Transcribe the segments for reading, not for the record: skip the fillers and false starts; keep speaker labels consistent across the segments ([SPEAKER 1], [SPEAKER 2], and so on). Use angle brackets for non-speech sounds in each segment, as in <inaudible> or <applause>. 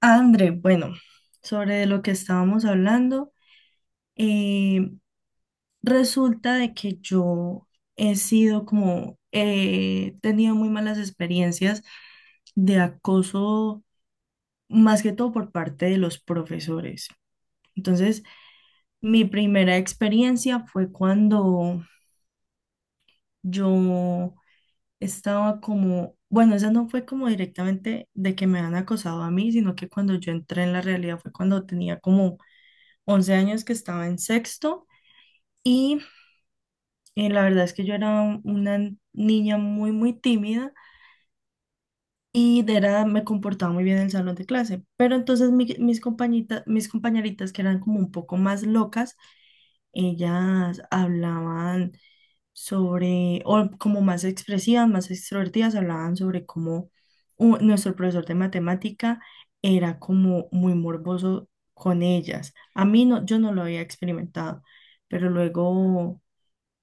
[SPEAKER 1] André, bueno, sobre lo que estábamos hablando, eh, resulta de que yo he tenido muy malas experiencias de acoso, más que todo por parte de los profesores. Entonces, mi primera experiencia fue cuando yo bueno, esa no fue como directamente de que me han acosado a mí, sino que cuando yo entré en la realidad fue cuando tenía como 11 años, que estaba en sexto. Y la verdad es que yo era una niña muy, muy tímida y me comportaba muy bien en el salón de clase, pero entonces mis compañeritas, que eran como un poco más locas, ellas hablaban sobre, o como más expresivas, más extrovertidas, hablaban sobre cómo nuestro profesor de matemática era como muy morboso con ellas. A mí no, yo no lo había experimentado, pero luego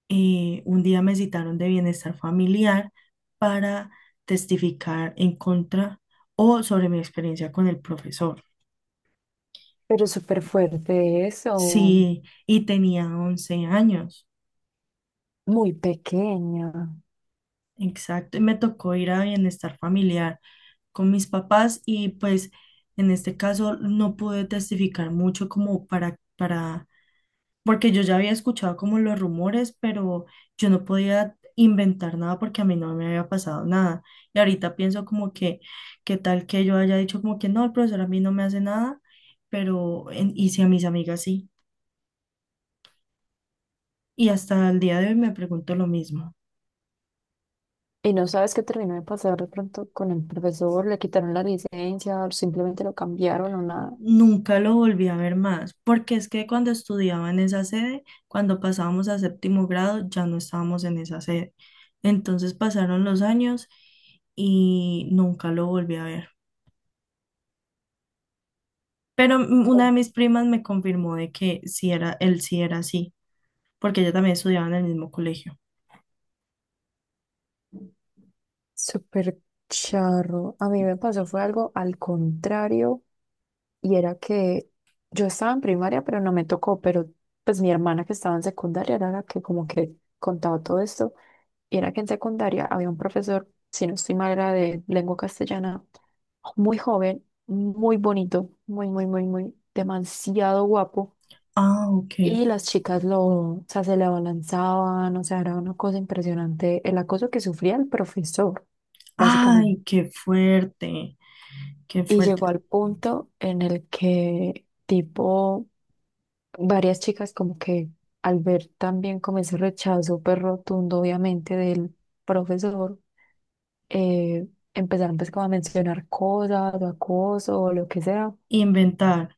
[SPEAKER 1] un día me citaron de bienestar familiar para testificar en contra o sobre mi experiencia con el profesor.
[SPEAKER 2] Pero súper fuerte eso,
[SPEAKER 1] Sí, y tenía 11 años.
[SPEAKER 2] muy pequeña.
[SPEAKER 1] Exacto, y me tocó ir a bienestar familiar con mis papás, y pues en este caso no pude testificar mucho como porque yo ya había escuchado como los rumores, pero yo no podía inventar nada porque a mí no me había pasado nada. Y ahorita pienso como que qué tal que yo haya dicho como que no, el profesor a mí no me hace nada, pero en- y si a mis amigas sí. Y hasta el día de hoy me pregunto lo mismo.
[SPEAKER 2] Y no sabes qué terminó de pasar de pronto con el profesor, le quitaron la licencia, o simplemente lo cambiaron o nada.
[SPEAKER 1] Nunca lo volví a ver más, porque es que cuando estudiaba en esa sede, cuando pasábamos a séptimo grado, ya no estábamos en esa sede. Entonces pasaron los años y nunca lo volví a ver. Pero una de mis primas me confirmó de que sí era, él sí era así, porque ella también estudiaba en el mismo colegio.
[SPEAKER 2] Súper charro. A mí me pasó fue algo al contrario y era que yo estaba en primaria, pero no me tocó, pero pues mi hermana que estaba en secundaria era la que como que contaba todo esto y era que en secundaria había un profesor, si no estoy mal, era de lengua castellana, muy joven, muy bonito, muy, muy, muy, muy, demasiado guapo.
[SPEAKER 1] Ah, ok.
[SPEAKER 2] Y las chicas lo, o sea, se le abalanzaban, o sea, era una cosa impresionante el acoso que sufría el profesor, básicamente.
[SPEAKER 1] Ay, qué fuerte, qué
[SPEAKER 2] Y llegó
[SPEAKER 1] fuerte.
[SPEAKER 2] al punto en el que, tipo, varias chicas como que al ver también como ese rechazo, pues rotundo, obviamente, del profesor, eh, empezaron pues como a mencionar cosas, o acoso, o lo que sea.
[SPEAKER 1] Inventar.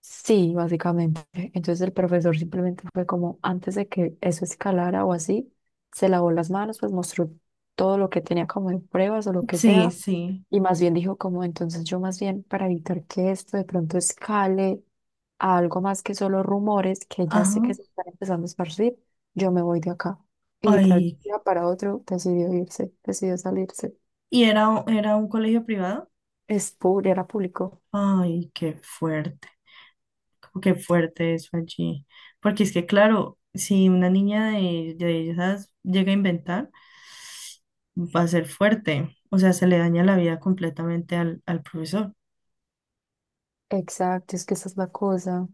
[SPEAKER 2] Sí, básicamente. Entonces el profesor simplemente fue como, antes de que eso escalara o así, se lavó las manos, pues mostró todo lo que tenía como de pruebas o lo que
[SPEAKER 1] Sí,
[SPEAKER 2] sea,
[SPEAKER 1] sí.
[SPEAKER 2] y más bien dijo como, entonces yo más bien para evitar que esto de pronto escale a algo más que solo rumores, que ya sé
[SPEAKER 1] Ajá.
[SPEAKER 2] que se están empezando a esparcir, yo me voy de acá. Y literal, de un
[SPEAKER 1] Ay.
[SPEAKER 2] día para otro decidió irse, decidió salirse.
[SPEAKER 1] ¿Y era, era un colegio privado?
[SPEAKER 2] Es público, era público.
[SPEAKER 1] Ay, qué fuerte, como qué fuerte eso allí. Porque es que, claro, si una niña de esas llega a inventar, va a ser fuerte. O sea, se le daña la vida completamente al, al profesor.
[SPEAKER 2] Exacto, es que esa es la cosa.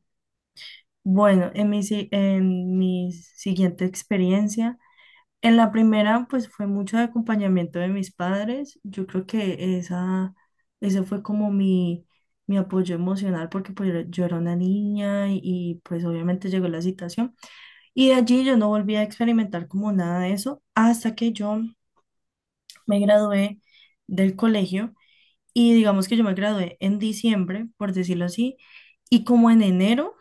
[SPEAKER 1] Bueno, en mi, si- en mi siguiente experiencia, en la primera, pues fue mucho de acompañamiento de mis padres. Yo creo que ese fue como mi apoyo emocional, porque pues yo era una niña pues obviamente llegó la situación. Y de allí yo no volví a experimentar como nada de eso hasta que yo me gradué del colegio. Y digamos que yo me gradué en diciembre, por decirlo así, y como en enero,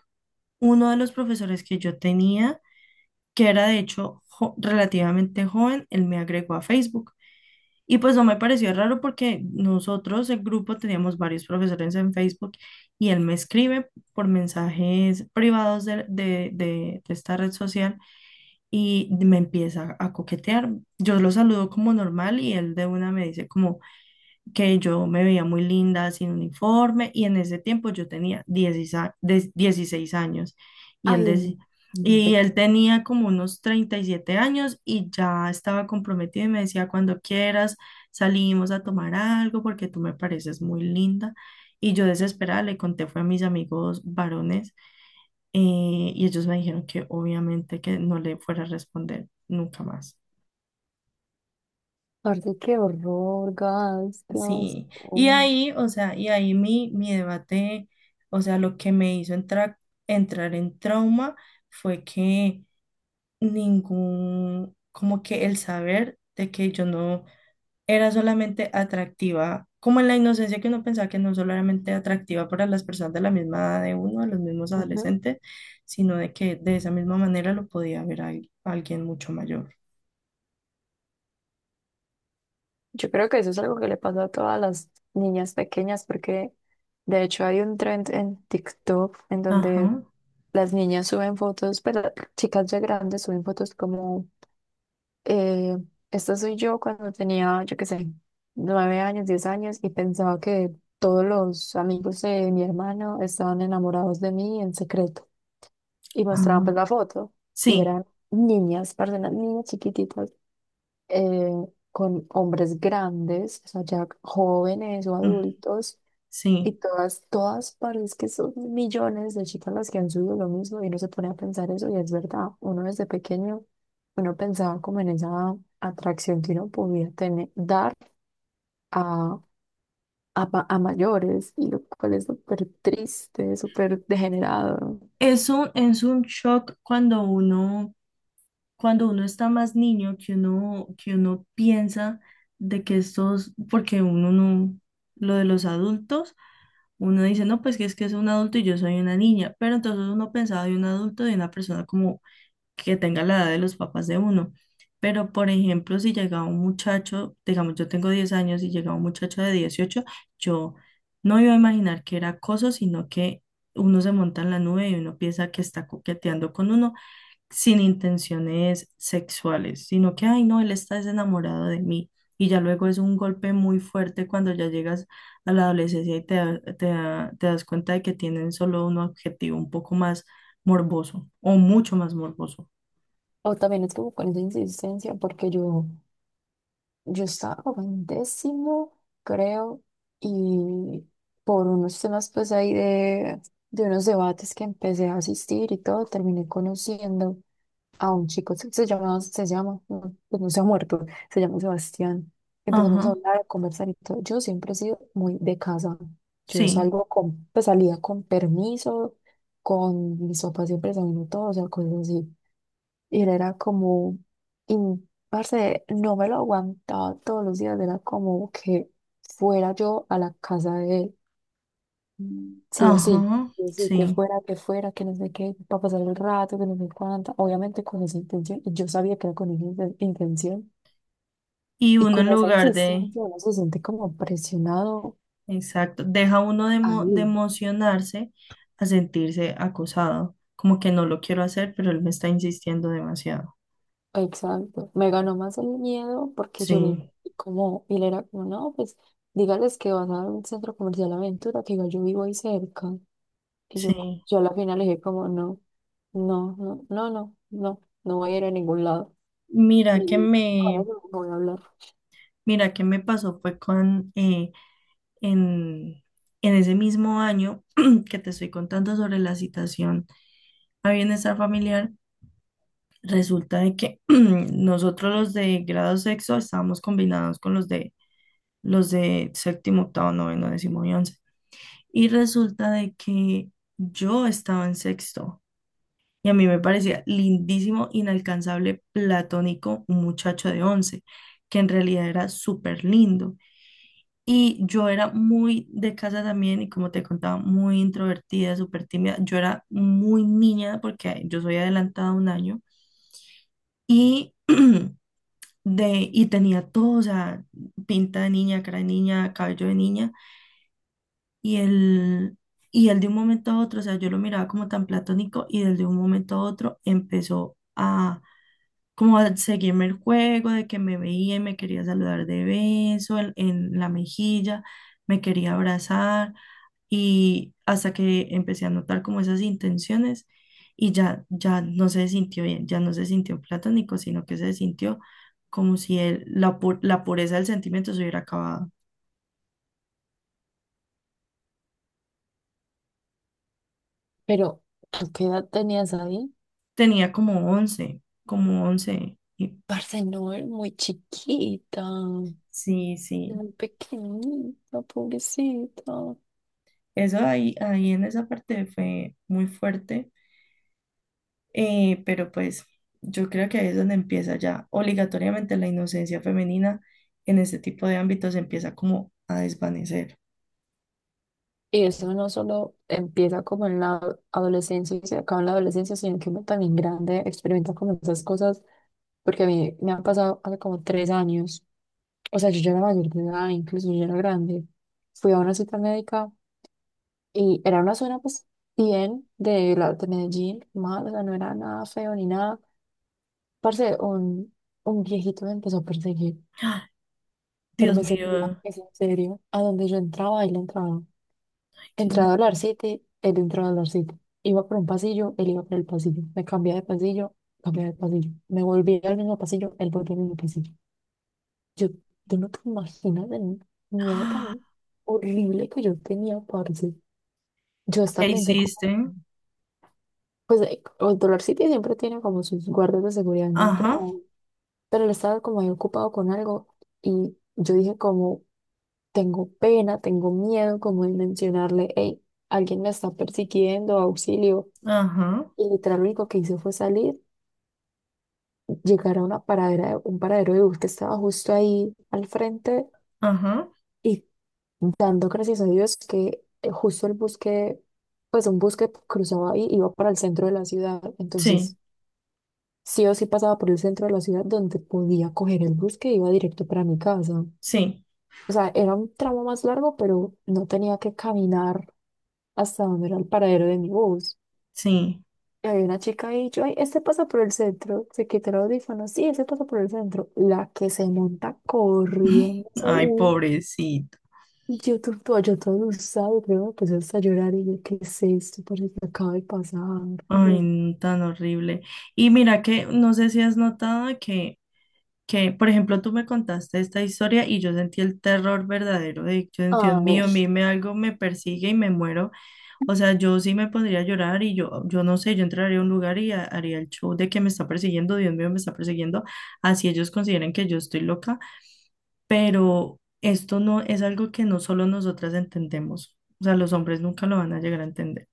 [SPEAKER 1] uno de los profesores que yo tenía, que era de hecho relativamente joven, él me agregó a Facebook. Y pues no me pareció raro, porque nosotros, el grupo, teníamos varios profesores en Facebook, y él me escribe por mensajes privados de esta red social y me empieza a coquetear. Yo lo saludo como normal, y él de una me dice como que yo me veía muy linda sin uniforme, y en ese tiempo yo tenía 16 años y él
[SPEAKER 2] Ay, no,
[SPEAKER 1] deci- Y él tenía como unos 37 años, y ya estaba comprometido, y me decía, cuando quieras salimos a tomar algo porque tú me pareces muy linda. Y yo desesperada le conté, fue a mis amigos varones, y ellos me dijeron que obviamente que no le fuera a responder nunca más.
[SPEAKER 2] aparte, qué horror, gas, qué
[SPEAKER 1] Sí, y
[SPEAKER 2] asco.
[SPEAKER 1] ahí, o sea, y ahí mi debate, o sea, lo que me hizo entrar en trauma fue que como que el saber de que yo no era solamente atractiva, como en la inocencia que uno pensaba, que no solamente atractiva para las personas de la misma edad de uno, de los mismos
[SPEAKER 2] Ujú.
[SPEAKER 1] adolescentes, sino de que de esa misma manera lo podía ver a alguien mucho mayor.
[SPEAKER 2] Yo creo que eso es algo que le pasa a todas las niñas pequeñas, porque de hecho hay un trend en TikTok en donde
[SPEAKER 1] Ajá,
[SPEAKER 2] las niñas suben fotos, pero chicas ya grandes suben fotos como, eh, esta soy yo cuando tenía, yo qué sé, nueve años, diez años, y pensaba que todos los amigos de mi hermano estaban enamorados de mí en secreto. Y mostraban pues
[SPEAKER 1] ajá.
[SPEAKER 2] la foto, y
[SPEAKER 1] Sí,
[SPEAKER 2] eran niñas, personas, niñas chiquititas eh, con hombres grandes, o sea, ya jóvenes o
[SPEAKER 1] mm,
[SPEAKER 2] adultos, y
[SPEAKER 1] sí.
[SPEAKER 2] todas, todas parece que son millones de chicas las que han subido lo mismo y uno se pone a pensar eso y es verdad, uno desde pequeño, uno pensaba como en esa atracción que uno podía tener, dar a, a mayores, y lo cual es súper triste, súper degenerado.
[SPEAKER 1] Es un shock cuando uno está más niño, que uno piensa de que estos, porque uno no, lo de los adultos, uno dice, no, pues que es un adulto y yo soy una niña, pero entonces uno pensaba de un adulto, de una persona como que tenga la edad de los papás de uno. Pero, por ejemplo, si llega un muchacho, digamos, yo tengo 10 años y llega un muchacho de 18, yo no iba a imaginar que era acoso, sino que uno se monta en la nube y uno piensa que está coqueteando con uno sin intenciones sexuales, sino que, ay, no, él está desenamorado de mí. Y ya luego es un golpe muy fuerte cuando ya llegas a la adolescencia y te das cuenta de que tienen solo un objetivo un poco más morboso o mucho más morboso.
[SPEAKER 2] O también es como con esa insistencia, porque yo estaba como en décimo, creo, y por unos temas pues ahí de unos debates que empecé a asistir y todo, terminé conociendo a un chico, se llama, se llama, no, pues no se ha muerto, se llama Sebastián. Empezamos a
[SPEAKER 1] Ajá,
[SPEAKER 2] hablar, a conversar y todo. Yo siempre he sido muy de casa. Yo
[SPEAKER 1] sí,
[SPEAKER 2] salgo con, pues salía con permiso, con mis papás siempre saliendo todo, o sea, cosas así. Y él era como, parce, no me lo aguantaba todos los días, era como que fuera yo a la casa de él, Mm. Sí o sí,
[SPEAKER 1] ajá,
[SPEAKER 2] sí o sí, que
[SPEAKER 1] sí.
[SPEAKER 2] fuera, que fuera, que no sé qué, para pasar el rato, que no sé cuánta, obviamente con esa intención, y yo sabía que era con esa intención,
[SPEAKER 1] Y
[SPEAKER 2] y
[SPEAKER 1] uno
[SPEAKER 2] con
[SPEAKER 1] en
[SPEAKER 2] esa
[SPEAKER 1] lugar de,
[SPEAKER 2] insistencia uno se siente como presionado
[SPEAKER 1] exacto, deja uno de, de
[SPEAKER 2] ahí.
[SPEAKER 1] emocionarse a sentirse acosado, como que no lo quiero hacer, pero él me está insistiendo demasiado.
[SPEAKER 2] Exacto, me ganó más el miedo porque yo vi
[SPEAKER 1] Sí,
[SPEAKER 2] como, y él era como, no, pues dígales que vas a un centro comercial Aventura, que igual yo vivo ahí cerca. Y yo,
[SPEAKER 1] sí.
[SPEAKER 2] yo a la final le dije como, no, no, no, no, no, no, no voy a ir a ningún lado.
[SPEAKER 1] Mira que
[SPEAKER 2] <laughs> Con
[SPEAKER 1] me,
[SPEAKER 2] eso no voy a hablar.
[SPEAKER 1] mira que me pasó fue con, en, en ese mismo año <clears throat> que te estoy contando sobre la citación a bienestar familiar. Resulta de que <clears throat> nosotros los de grado sexto estábamos combinados con los de séptimo, octavo, noveno, décimo y 11. Y resulta de que yo estaba en sexto, y a mí me parecía lindísimo, inalcanzable, platónico, un muchacho de 11, que en realidad era súper lindo. Y yo era muy de casa también, y como te contaba, muy introvertida, súper tímida. Yo era muy niña porque yo soy adelantada un año. Y <clears throat> y tenía todo, o sea, pinta de niña, cara de niña, cabello de niña. Y él, y él de un momento a otro, o sea, yo lo miraba como tan platónico, y él de un momento a otro empezó a como a seguirme el juego, de que me veía y me quería saludar de beso en la mejilla, me quería abrazar. Y hasta que empecé a notar como esas intenciones, y ya, ya no se sintió bien, ya no se sintió platónico, sino que se sintió como si la pureza del sentimiento se hubiera acabado.
[SPEAKER 2] Pero, ¿tú qué edad tenías ahí?
[SPEAKER 1] Tenía como once.
[SPEAKER 2] Parce, no, era muy chiquita,
[SPEAKER 1] Sí, sí,
[SPEAKER 2] muy pequeñita, pobrecita.
[SPEAKER 1] eso ahí, ahí en esa parte fue muy fuerte. Pero pues yo creo que ahí es donde empieza ya obligatoriamente la inocencia femenina, en ese tipo de ámbitos empieza como a desvanecer.
[SPEAKER 2] Y eso no solo empieza como en la adolescencia y se acaba en la adolescencia, sino que uno también grande experimenta como esas cosas, porque a mí me han pasado hace como tres años, o sea, yo ya era mayor de edad, incluso yo ya era grande, fui a una cita médica y era una zona pues bien de Medellín, mal, o sea, no era nada feo ni nada, parce, un viejito me empezó a perseguir, pero
[SPEAKER 1] Dios
[SPEAKER 2] me seguía,
[SPEAKER 1] mío,
[SPEAKER 2] es en serio, a donde yo entraba, él entraba.
[SPEAKER 1] ay, Dios
[SPEAKER 2] Entré a
[SPEAKER 1] mío.
[SPEAKER 2] Dollar City, él entró a Dollar City. Iba por un pasillo, él iba por el pasillo. Me cambié de pasillo, cambié de pasillo. Me volví al mismo pasillo, él volvió al mismo pasillo. Yo, tú no te imaginas el miedo
[SPEAKER 1] ¡Ah!
[SPEAKER 2] tan horrible que yo tenía, parce. Yo
[SPEAKER 1] ¿Y qué
[SPEAKER 2] hasta pensé
[SPEAKER 1] hiciste?
[SPEAKER 2] como, pues el Dollar City siempre tiene como sus guardas de seguridad en la entrada,
[SPEAKER 1] Ajá,
[SPEAKER 2] pero él estaba como ahí ocupado con algo y yo dije como, tengo pena, tengo miedo como de mencionarle, hey, alguien me está persiguiendo, auxilio.
[SPEAKER 1] ajá,
[SPEAKER 2] Y literal lo único que hice fue salir, llegar a una paradera, un paradero de bus que estaba justo ahí al frente
[SPEAKER 1] ajá.
[SPEAKER 2] y dando gracias a Dios que justo el bus que, pues un bus que cruzaba ahí iba para el centro de la ciudad.
[SPEAKER 1] Sí,
[SPEAKER 2] Entonces, sí o sí pasaba por el centro de la ciudad donde podía coger el bus que iba directo para mi casa.
[SPEAKER 1] sí,
[SPEAKER 2] O sea, era un tramo más largo, pero no tenía que caminar hasta donde era el paradero de mi bus.
[SPEAKER 1] sí.
[SPEAKER 2] Y había una chica ahí, yo, ay, este pasa por el centro, se quitó el audífono, sí, ese pasa por el centro, la que se monta corriendo, ese
[SPEAKER 1] Ay,
[SPEAKER 2] U,
[SPEAKER 1] pobrecito.
[SPEAKER 2] yo todo usado, creo, me puse hasta a llorar y yo, ¿qué es esto? Por que acaba de pasar. Y
[SPEAKER 1] Ay,
[SPEAKER 2] yo,
[SPEAKER 1] no, tan horrible. Y mira que no sé si has notado que, por ejemplo, tú me contaste esta historia y yo sentí el terror verdadero de, yo, Dios
[SPEAKER 2] ay,
[SPEAKER 1] mío, mime algo me persigue y me muero. O sea, yo sí me pondría a llorar, y yo no sé, yo entraría a un lugar y haría el show de que me está persiguiendo, Dios mío, me está persiguiendo, así ellos consideren que yo estoy loca, pero esto no es algo que no solo nosotras entendemos, o sea, los hombres nunca lo van a llegar a entender.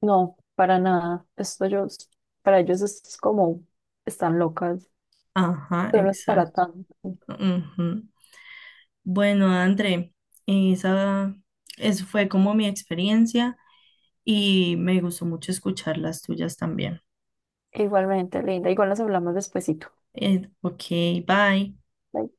[SPEAKER 2] no, para nada. Esto yo, para ellos es como, están locas.
[SPEAKER 1] Ajá,
[SPEAKER 2] Esto no es para
[SPEAKER 1] exacto.
[SPEAKER 2] tanto.
[SPEAKER 1] Ujú. Bueno, André, esa, eso fue como mi experiencia, y me gustó mucho escuchar las tuyas también.
[SPEAKER 2] Igualmente, linda. Igual nos hablamos despuesito.
[SPEAKER 1] Ok, bye.
[SPEAKER 2] Bye.